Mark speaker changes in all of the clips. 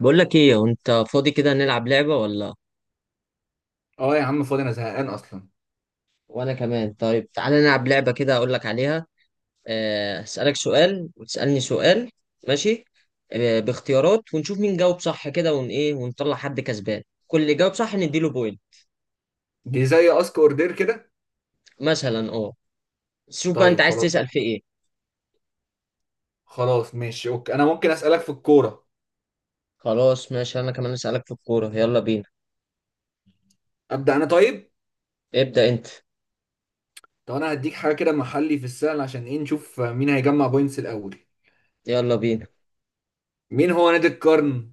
Speaker 1: بقول لك ايه؟ انت فاضي كده نلعب لعبة؟ ولا
Speaker 2: اه يا عم فاضي، انا زهقان اصلا.
Speaker 1: وانا كمان، طيب تعالى نلعب لعبة كده اقول لك عليها. هسألك سؤال وتسألني سؤال. ماشي. باختيارات ونشوف مين جاوب صح كده ون ايه ونطلع حد كسبان، كل اللي جاوب صح نديله بوينت.
Speaker 2: دي زي اسك اوردر كده.
Speaker 1: مثلا اه. بس شوف بقى انت
Speaker 2: طيب
Speaker 1: عايز
Speaker 2: خلاص.
Speaker 1: تسأل في ايه؟
Speaker 2: خلاص ماشي اوكي، انا ممكن اسالك في الكوره.
Speaker 1: خلاص ماشي، انا كمان اسألك في الكورة، يلا بينا.
Speaker 2: ابدا انا طيب.
Speaker 1: ابدأ انت.
Speaker 2: طب انا هديك حاجه كده محلي في السهل، عشان ايه؟ نشوف مين هيجمع بوينتس الاول.
Speaker 1: يلا بينا.
Speaker 2: مين هو نادي القرن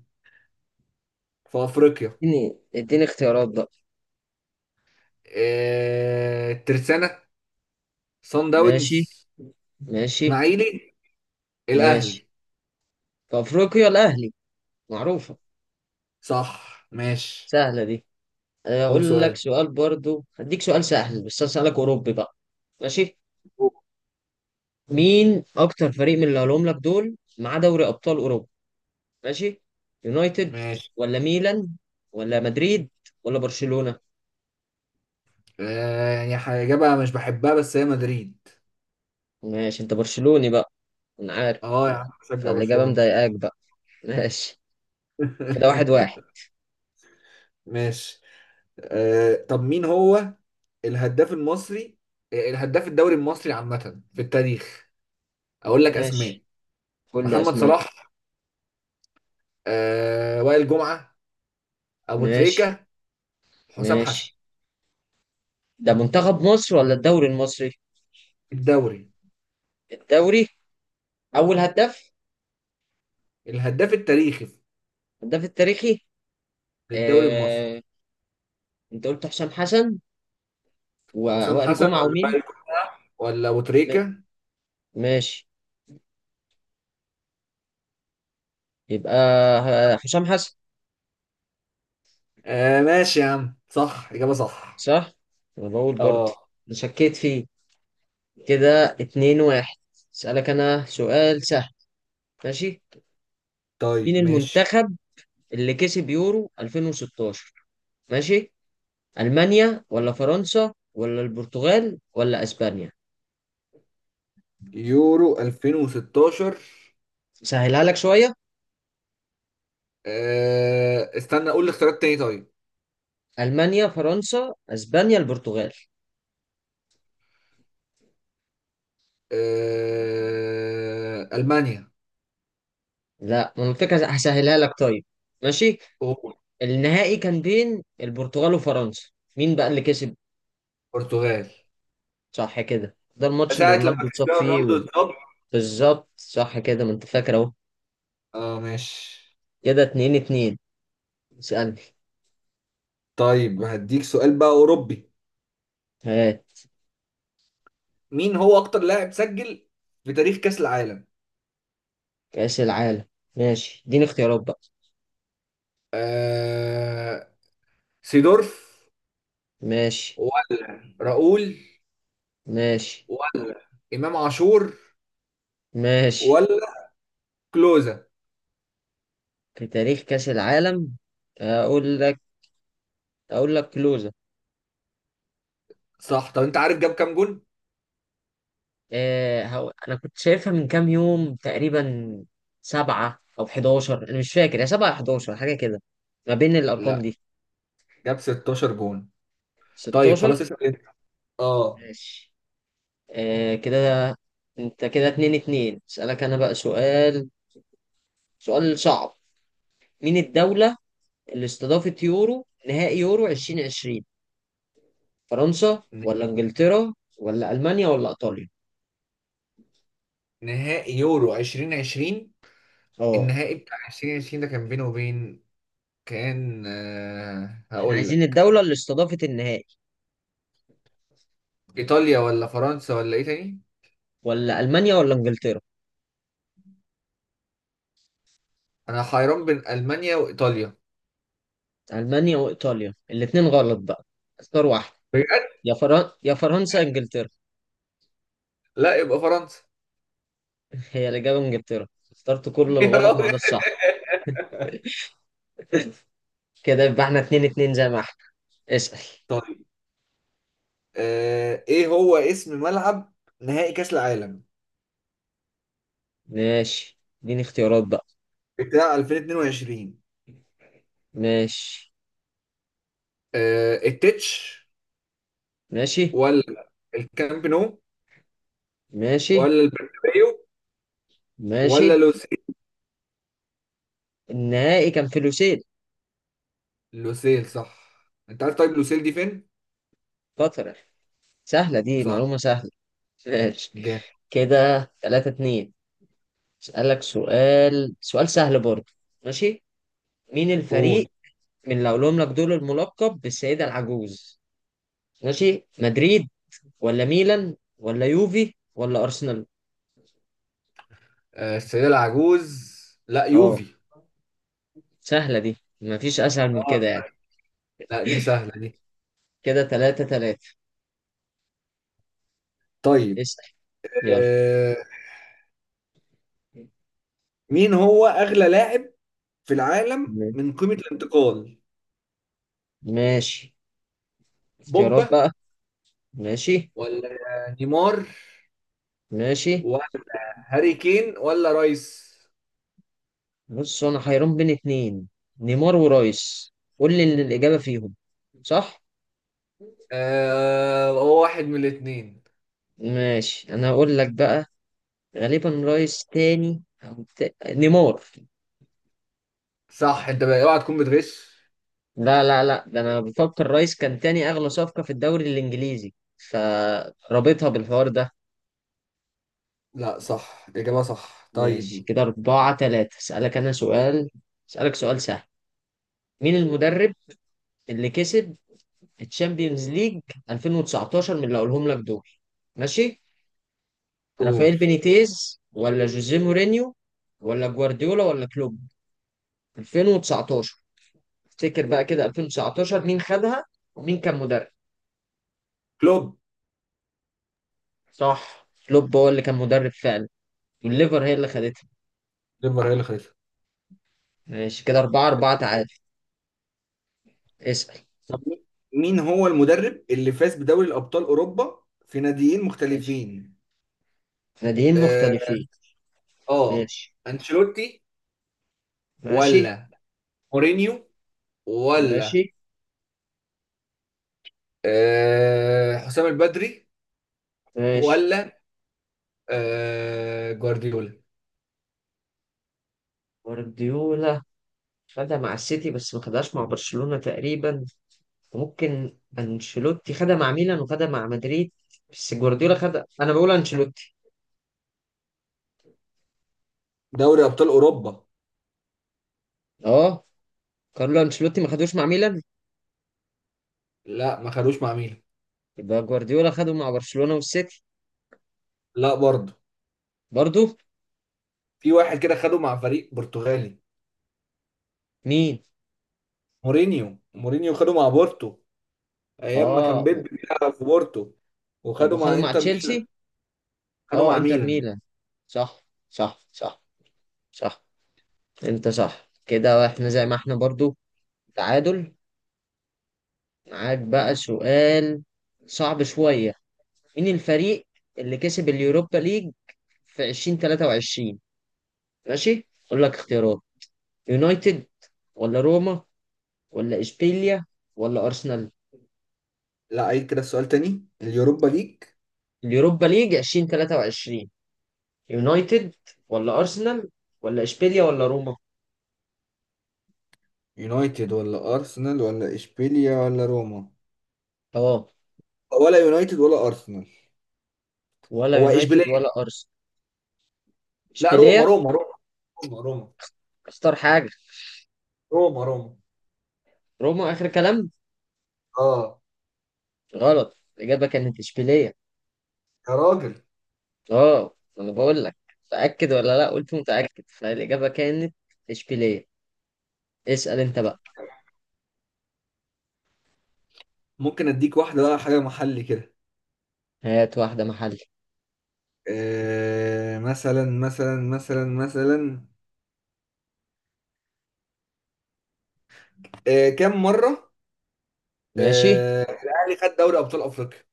Speaker 2: في افريقيا؟
Speaker 1: اديني اختيارات بقى.
Speaker 2: الترسانة، صن داونز،
Speaker 1: ماشي. ماشي.
Speaker 2: اسماعيلي،
Speaker 1: ماشي.
Speaker 2: الاهلي.
Speaker 1: في افريقيا الاهلي، معروفة.
Speaker 2: صح ماشي.
Speaker 1: سهلة دي.
Speaker 2: قول
Speaker 1: اقول لك
Speaker 2: سؤال.
Speaker 1: سؤال برضو، هديك سؤال سهل بس هسألك اوروبي بقى. ماشي. مين اكتر فريق من اللي هقولهم لك دول معاه دوري ابطال اوروبا؟ ماشي. يونايتد
Speaker 2: ماشي.
Speaker 1: ولا ميلان ولا مدريد ولا برشلونة.
Speaker 2: يعني حاجه إجابة مش بحبها، بس هي مدريد.
Speaker 1: ماشي انت برشلوني بقى، انا عارف.
Speaker 2: اه يا عم بشجع
Speaker 1: فالاجابة
Speaker 2: برشلونه.
Speaker 1: مضايقاك بقى. ماشي. كده واحد واحد.
Speaker 2: ماشي. طب مين هو الهداف المصري؟ آه، الهداف الدوري المصري عامة في التاريخ. اقول لك اسماء:
Speaker 1: ماشي. كل
Speaker 2: محمد
Speaker 1: اسماء.
Speaker 2: صلاح، آه، وائل جمعة، ابو
Speaker 1: ماشي.
Speaker 2: تريكة، حسام حسن.
Speaker 1: ماشي. ده منتخب مصر ولا الدوري المصري؟
Speaker 2: الدوري.
Speaker 1: الدوري. اول هداف.
Speaker 2: الهداف التاريخي
Speaker 1: الهداف التاريخي.
Speaker 2: للدوري المصري.
Speaker 1: آه... انت قلت حسام حسن
Speaker 2: حسام
Speaker 1: ووائل
Speaker 2: حسن
Speaker 1: جمعة
Speaker 2: ولا
Speaker 1: ومين؟
Speaker 2: وائل جمعة ولا ابو
Speaker 1: ما-
Speaker 2: تريكة.
Speaker 1: ماشي. يبقى هشام حسن.
Speaker 2: آه ماشي يا عم، صح، اجابة صح.
Speaker 1: صح؟ أنا بقول برضه.
Speaker 2: اه.
Speaker 1: أنا شكيت فيه. كده اتنين واحد. أسألك أنا سؤال سهل. ماشي؟ مين
Speaker 2: طيب ماشي.
Speaker 1: المنتخب اللي كسب يورو 2016؟ ماشي؟ ألمانيا ولا فرنسا ولا البرتغال ولا أسبانيا؟
Speaker 2: يورو 2016.
Speaker 1: سهلها لك شوية.
Speaker 2: استنى اقول الاختيارات تاني طيب.
Speaker 1: ألمانيا فرنسا أسبانيا البرتغال.
Speaker 2: آه، المانيا.
Speaker 1: لا ما أنا قلت لك هسهلها لك. طيب ماشي؟
Speaker 2: أوه.
Speaker 1: النهائي كان بين البرتغال وفرنسا. مين بقى اللي كسب؟
Speaker 2: البرتغال.
Speaker 1: صح كده، ده الماتش اللي
Speaker 2: ساعة لما
Speaker 1: رونالدو اتصاب
Speaker 2: كريستيانو
Speaker 1: فيه
Speaker 2: رونالدو
Speaker 1: و...
Speaker 2: اتصاب.
Speaker 1: بالظبط صح كده، ما انت فاكر اهو.
Speaker 2: اه ماشي.
Speaker 1: كده اتنين اتنين. اسألني.
Speaker 2: طيب هديك سؤال بقى اوروبي.
Speaker 1: هات.
Speaker 2: مين هو اكتر لاعب سجل في تاريخ كأس العالم؟
Speaker 1: كأس العالم. ماشي اديني اختيارات بقى.
Speaker 2: آه... سيدورف
Speaker 1: ماشي.
Speaker 2: ولا راؤول
Speaker 1: ماشي.
Speaker 2: ولا امام عاشور
Speaker 1: ماشي.
Speaker 2: ولا كلوزا.
Speaker 1: في تاريخ كأس العالم. اقول لك. كلوزة.
Speaker 2: صح. طب انت عارف جاب كام جون؟
Speaker 1: انا كنت شايفها من كام يوم تقريبا. سبعة او 11، انا مش فاكر، يا سبعة 11 حاجة كده. ما بين الارقام
Speaker 2: لا،
Speaker 1: دي.
Speaker 2: جاب 16 جون. طيب
Speaker 1: 16.
Speaker 2: خلاص اسال انت. اه.
Speaker 1: ماشي. آه كده. انت كده اتنين اتنين، اسألك انا بقى سؤال. سؤال صعب. مين الدولة اللي استضافت يورو نهائي يورو 2020؟ فرنسا
Speaker 2: ن-
Speaker 1: ولا انجلترا ولا المانيا ولا ايطاليا.
Speaker 2: نهائي يورو 2020.
Speaker 1: اه.
Speaker 2: النهائي بتاع 2020 ده كان بينه وبين، كان
Speaker 1: احنا
Speaker 2: هقول
Speaker 1: عايزين
Speaker 2: لك.
Speaker 1: الدولة اللي استضافت النهائي.
Speaker 2: ايطاليا ولا فرنسا ولا ايه تاني؟
Speaker 1: ولا المانيا ولا انجلترا.
Speaker 2: انا حيران بين المانيا وايطاليا.
Speaker 1: المانيا وايطاليا الاتنين غلط بقى. اختار واحد.
Speaker 2: بجد؟
Speaker 1: يا فرنسا انجلترا.
Speaker 2: لا يبقى فرنسا.
Speaker 1: هي الاجابة انجلترا. اخترت كل
Speaker 2: يا
Speaker 1: الغلط ما
Speaker 2: راجل.
Speaker 1: عدا الصح. كده يبقى احنا اتنين اتنين، زي ما احنا. اسأل.
Speaker 2: طيب، ايه هو اسم ملعب نهائي كاس العالم
Speaker 1: ماشي اديني اختيارات بقى.
Speaker 2: بتاع 2022؟
Speaker 1: ماشي.
Speaker 2: التتش
Speaker 1: ماشي.
Speaker 2: ولا الكامب نو
Speaker 1: ماشي.
Speaker 2: ولا البرنابيو
Speaker 1: ماشي.
Speaker 2: ولا لوسيل.
Speaker 1: النهائي كان فلوسيل.
Speaker 2: لوسيل صح. انت عارف طيب لوسيل دي فين؟
Speaker 1: قطر، سهلة دي،
Speaker 2: صح.
Speaker 1: معلومة سهلة. ماشي.
Speaker 2: جامد.
Speaker 1: كده تلاتة اتنين. اسألك سؤال سؤال سهل برضه. ماشي. مين
Speaker 2: قول.
Speaker 1: الفريق من اللي هقولهم لك دول الملقب بالسيدة العجوز؟ ماشي. مدريد ولا ميلان ولا يوفي ولا أرسنال.
Speaker 2: آه، السيدة العجوز؟ لا،
Speaker 1: اه.
Speaker 2: يوفي.
Speaker 1: سهلة دي، مفيش أسهل من
Speaker 2: اه،
Speaker 1: كده يعني.
Speaker 2: لا دي سهلة دي.
Speaker 1: كده تلاتة تلاتة.
Speaker 2: طيب.
Speaker 1: اسأل.
Speaker 2: آه،
Speaker 1: يلا.
Speaker 2: مين هو أغلى لاعب في العالم من قيمة الانتقال؟
Speaker 1: ماشي. اختيارات
Speaker 2: بوجبا
Speaker 1: بقى. ماشي.
Speaker 2: ولا نيمار
Speaker 1: ماشي.
Speaker 2: ولا هاري كين ولا رايس.
Speaker 1: بص انا حيران بين اتنين، نيمار ورايس. قول لي ان الاجابه فيهم، صح؟
Speaker 2: هو واحد من الاتنين.
Speaker 1: ماشي انا هقول لك بقى. غالبا رايس تاني او نيمار.
Speaker 2: صح، انت بقى اوعى تكون بتغش.
Speaker 1: لا لا لا، ده انا بفكر رايس كان تاني اغلى صفقه في الدوري الانجليزي، فرابطها بالحوار ده.
Speaker 2: لا صح، إجابة صح.
Speaker 1: ماشي
Speaker 2: طيب.
Speaker 1: كده أربعة تلاتة. أسألك أنا سؤال. أسألك سؤال سهل. مين المدرب اللي كسب الشامبيونز ليج 2019 من اللي أقولهم لك دول؟ ماشي.
Speaker 2: قول.
Speaker 1: رافائيل بينيتيز ولا جوزيه مورينيو ولا جوارديولا ولا كلوب؟ 2019. افتكر بقى كده، 2019 مين خدها ومين كان مدرب؟
Speaker 2: كلوب.
Speaker 1: صح، كلوب هو اللي كان مدرب فعلا. والليفر هي اللي خدتها.
Speaker 2: ليفر هي اللي خدتها.
Speaker 1: ماشي كده أربعة أربعة تعادل. اسأل.
Speaker 2: طب مين هو المدرب اللي فاز بدوري الأبطال أوروبا في ناديين
Speaker 1: ماشي.
Speaker 2: مختلفين؟
Speaker 1: ناديين
Speaker 2: اه
Speaker 1: مختلفين.
Speaker 2: آه.
Speaker 1: ماشي.
Speaker 2: انشيلوتي
Speaker 1: ماشي.
Speaker 2: ولا مورينيو
Speaker 1: ماشي.
Speaker 2: ولا حسام البدري
Speaker 1: ماشي.
Speaker 2: ولا جوارديولا.
Speaker 1: جوارديولا خدها مع السيتي بس ما خدهاش مع برشلونة تقريبا. وممكن انشيلوتي خدها مع ميلان وخدها مع مدريد. بس جوارديولا خدها، انا بقول انشيلوتي.
Speaker 2: دوري ابطال اوروبا.
Speaker 1: اه. كارلو انشيلوتي ما خدوش مع ميلان.
Speaker 2: لا ما خدوش مع ميلان.
Speaker 1: يبقى جوارديولا خده مع برشلونة والسيتي.
Speaker 2: لا برضه.
Speaker 1: برضو.
Speaker 2: في واحد كده خده مع فريق برتغالي.
Speaker 1: مين؟
Speaker 2: مورينيو. خده مع بورتو، ايام ما
Speaker 1: اه
Speaker 2: كان
Speaker 1: و-
Speaker 2: بيب بيلعب في بورتو.
Speaker 1: طب
Speaker 2: وخده
Speaker 1: وخده
Speaker 2: مع
Speaker 1: مع
Speaker 2: انتر
Speaker 1: تشيلسي.
Speaker 2: ميلان. خده
Speaker 1: اه،
Speaker 2: مع
Speaker 1: انتر
Speaker 2: ميلان.
Speaker 1: ميلان. صح. صح صح. صح. انت صح، كده احنا زي ما احنا برضو، تعادل. معاك بقى سؤال. صعب شوية. مين الفريق اللي كسب اليوروبا ليج في 2023؟ ماشي اقول لك اختيارات. يونايتد ولا روما ولا اشبيليا ولا ارسنال.
Speaker 2: لا، عيد كده السؤال تاني. اليوروبا ليج.
Speaker 1: اليوروبا ليج 2023. يونايتد ولا ارسنال ولا اشبيليا ولا روما.
Speaker 2: يونايتد ولا ارسنال ولا اشبيليا ولا روما.
Speaker 1: اه.
Speaker 2: ولا يونايتد ولا ارسنال.
Speaker 1: ولا
Speaker 2: هو اشبيليه؟
Speaker 1: يونايتد ولا ارسنال.
Speaker 2: لا، روما
Speaker 1: اشبيليا.
Speaker 2: روما روما روما
Speaker 1: اختار حاجه.
Speaker 2: روما روما.
Speaker 1: روما اخر كلام.
Speaker 2: اه.
Speaker 1: غلط، الاجابه كانت اشبيليا.
Speaker 2: يا راجل.
Speaker 1: اه. انا بقول لك متاكد ولا لا، قلت متاكد، فالاجابه كانت اشبيليا. اسال انت بقى.
Speaker 2: ممكن اديك واحده بقى، حاجه محلي كده.
Speaker 1: هات واحده محل.
Speaker 2: آه مثلا. كم مره
Speaker 1: ماشي.
Speaker 2: الاهلي خد دوري ابطال افريقيا؟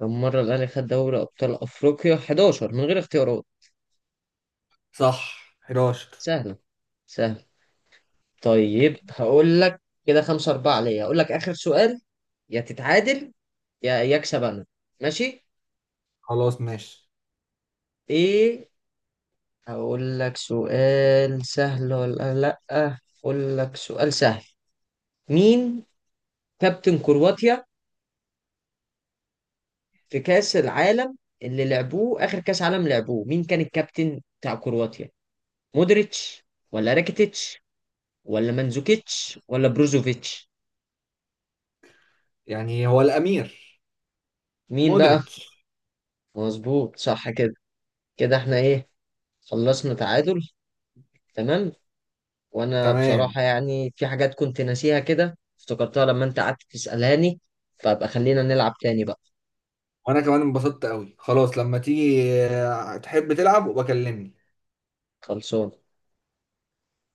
Speaker 1: كم مره الاهلي خد دوري ابطال افريقيا؟ 11 من غير اختيارات.
Speaker 2: صح، 11.
Speaker 1: سهلة سهلة. طيب هقول لك، كده خمسة أربعة ليا، هقول لك آخر سؤال، يا تتعادل يا يكسب أنا. ماشي.
Speaker 2: خلاص ماشي.
Speaker 1: إيه. هقول لك سؤال سهل ولا لأ؟ هقول لك سؤال سهل. مين كابتن كرواتيا في كأس العالم اللي لعبوه؟ آخر كأس عالم لعبوه مين كان الكابتن بتاع كرواتيا؟ مودريتش ولا راكيتيتش ولا مانزوكيتش ولا بروزوفيتش.
Speaker 2: يعني هو الامير،
Speaker 1: مين بقى؟
Speaker 2: مودريتش.
Speaker 1: مظبوط، صح كده. كده احنا ايه، خلصنا تعادل. تمام. وانا
Speaker 2: تمام.
Speaker 1: بصراحة يعني في حاجات كنت ناسيها كده افتكرتها لما انت قعدت تسألاني. فابقى خلينا نلعب تاني بقى.
Speaker 2: وانا كمان انبسطت قوي. خلاص لما تيجي تحب تلعب وبكلمني.
Speaker 1: خلصان.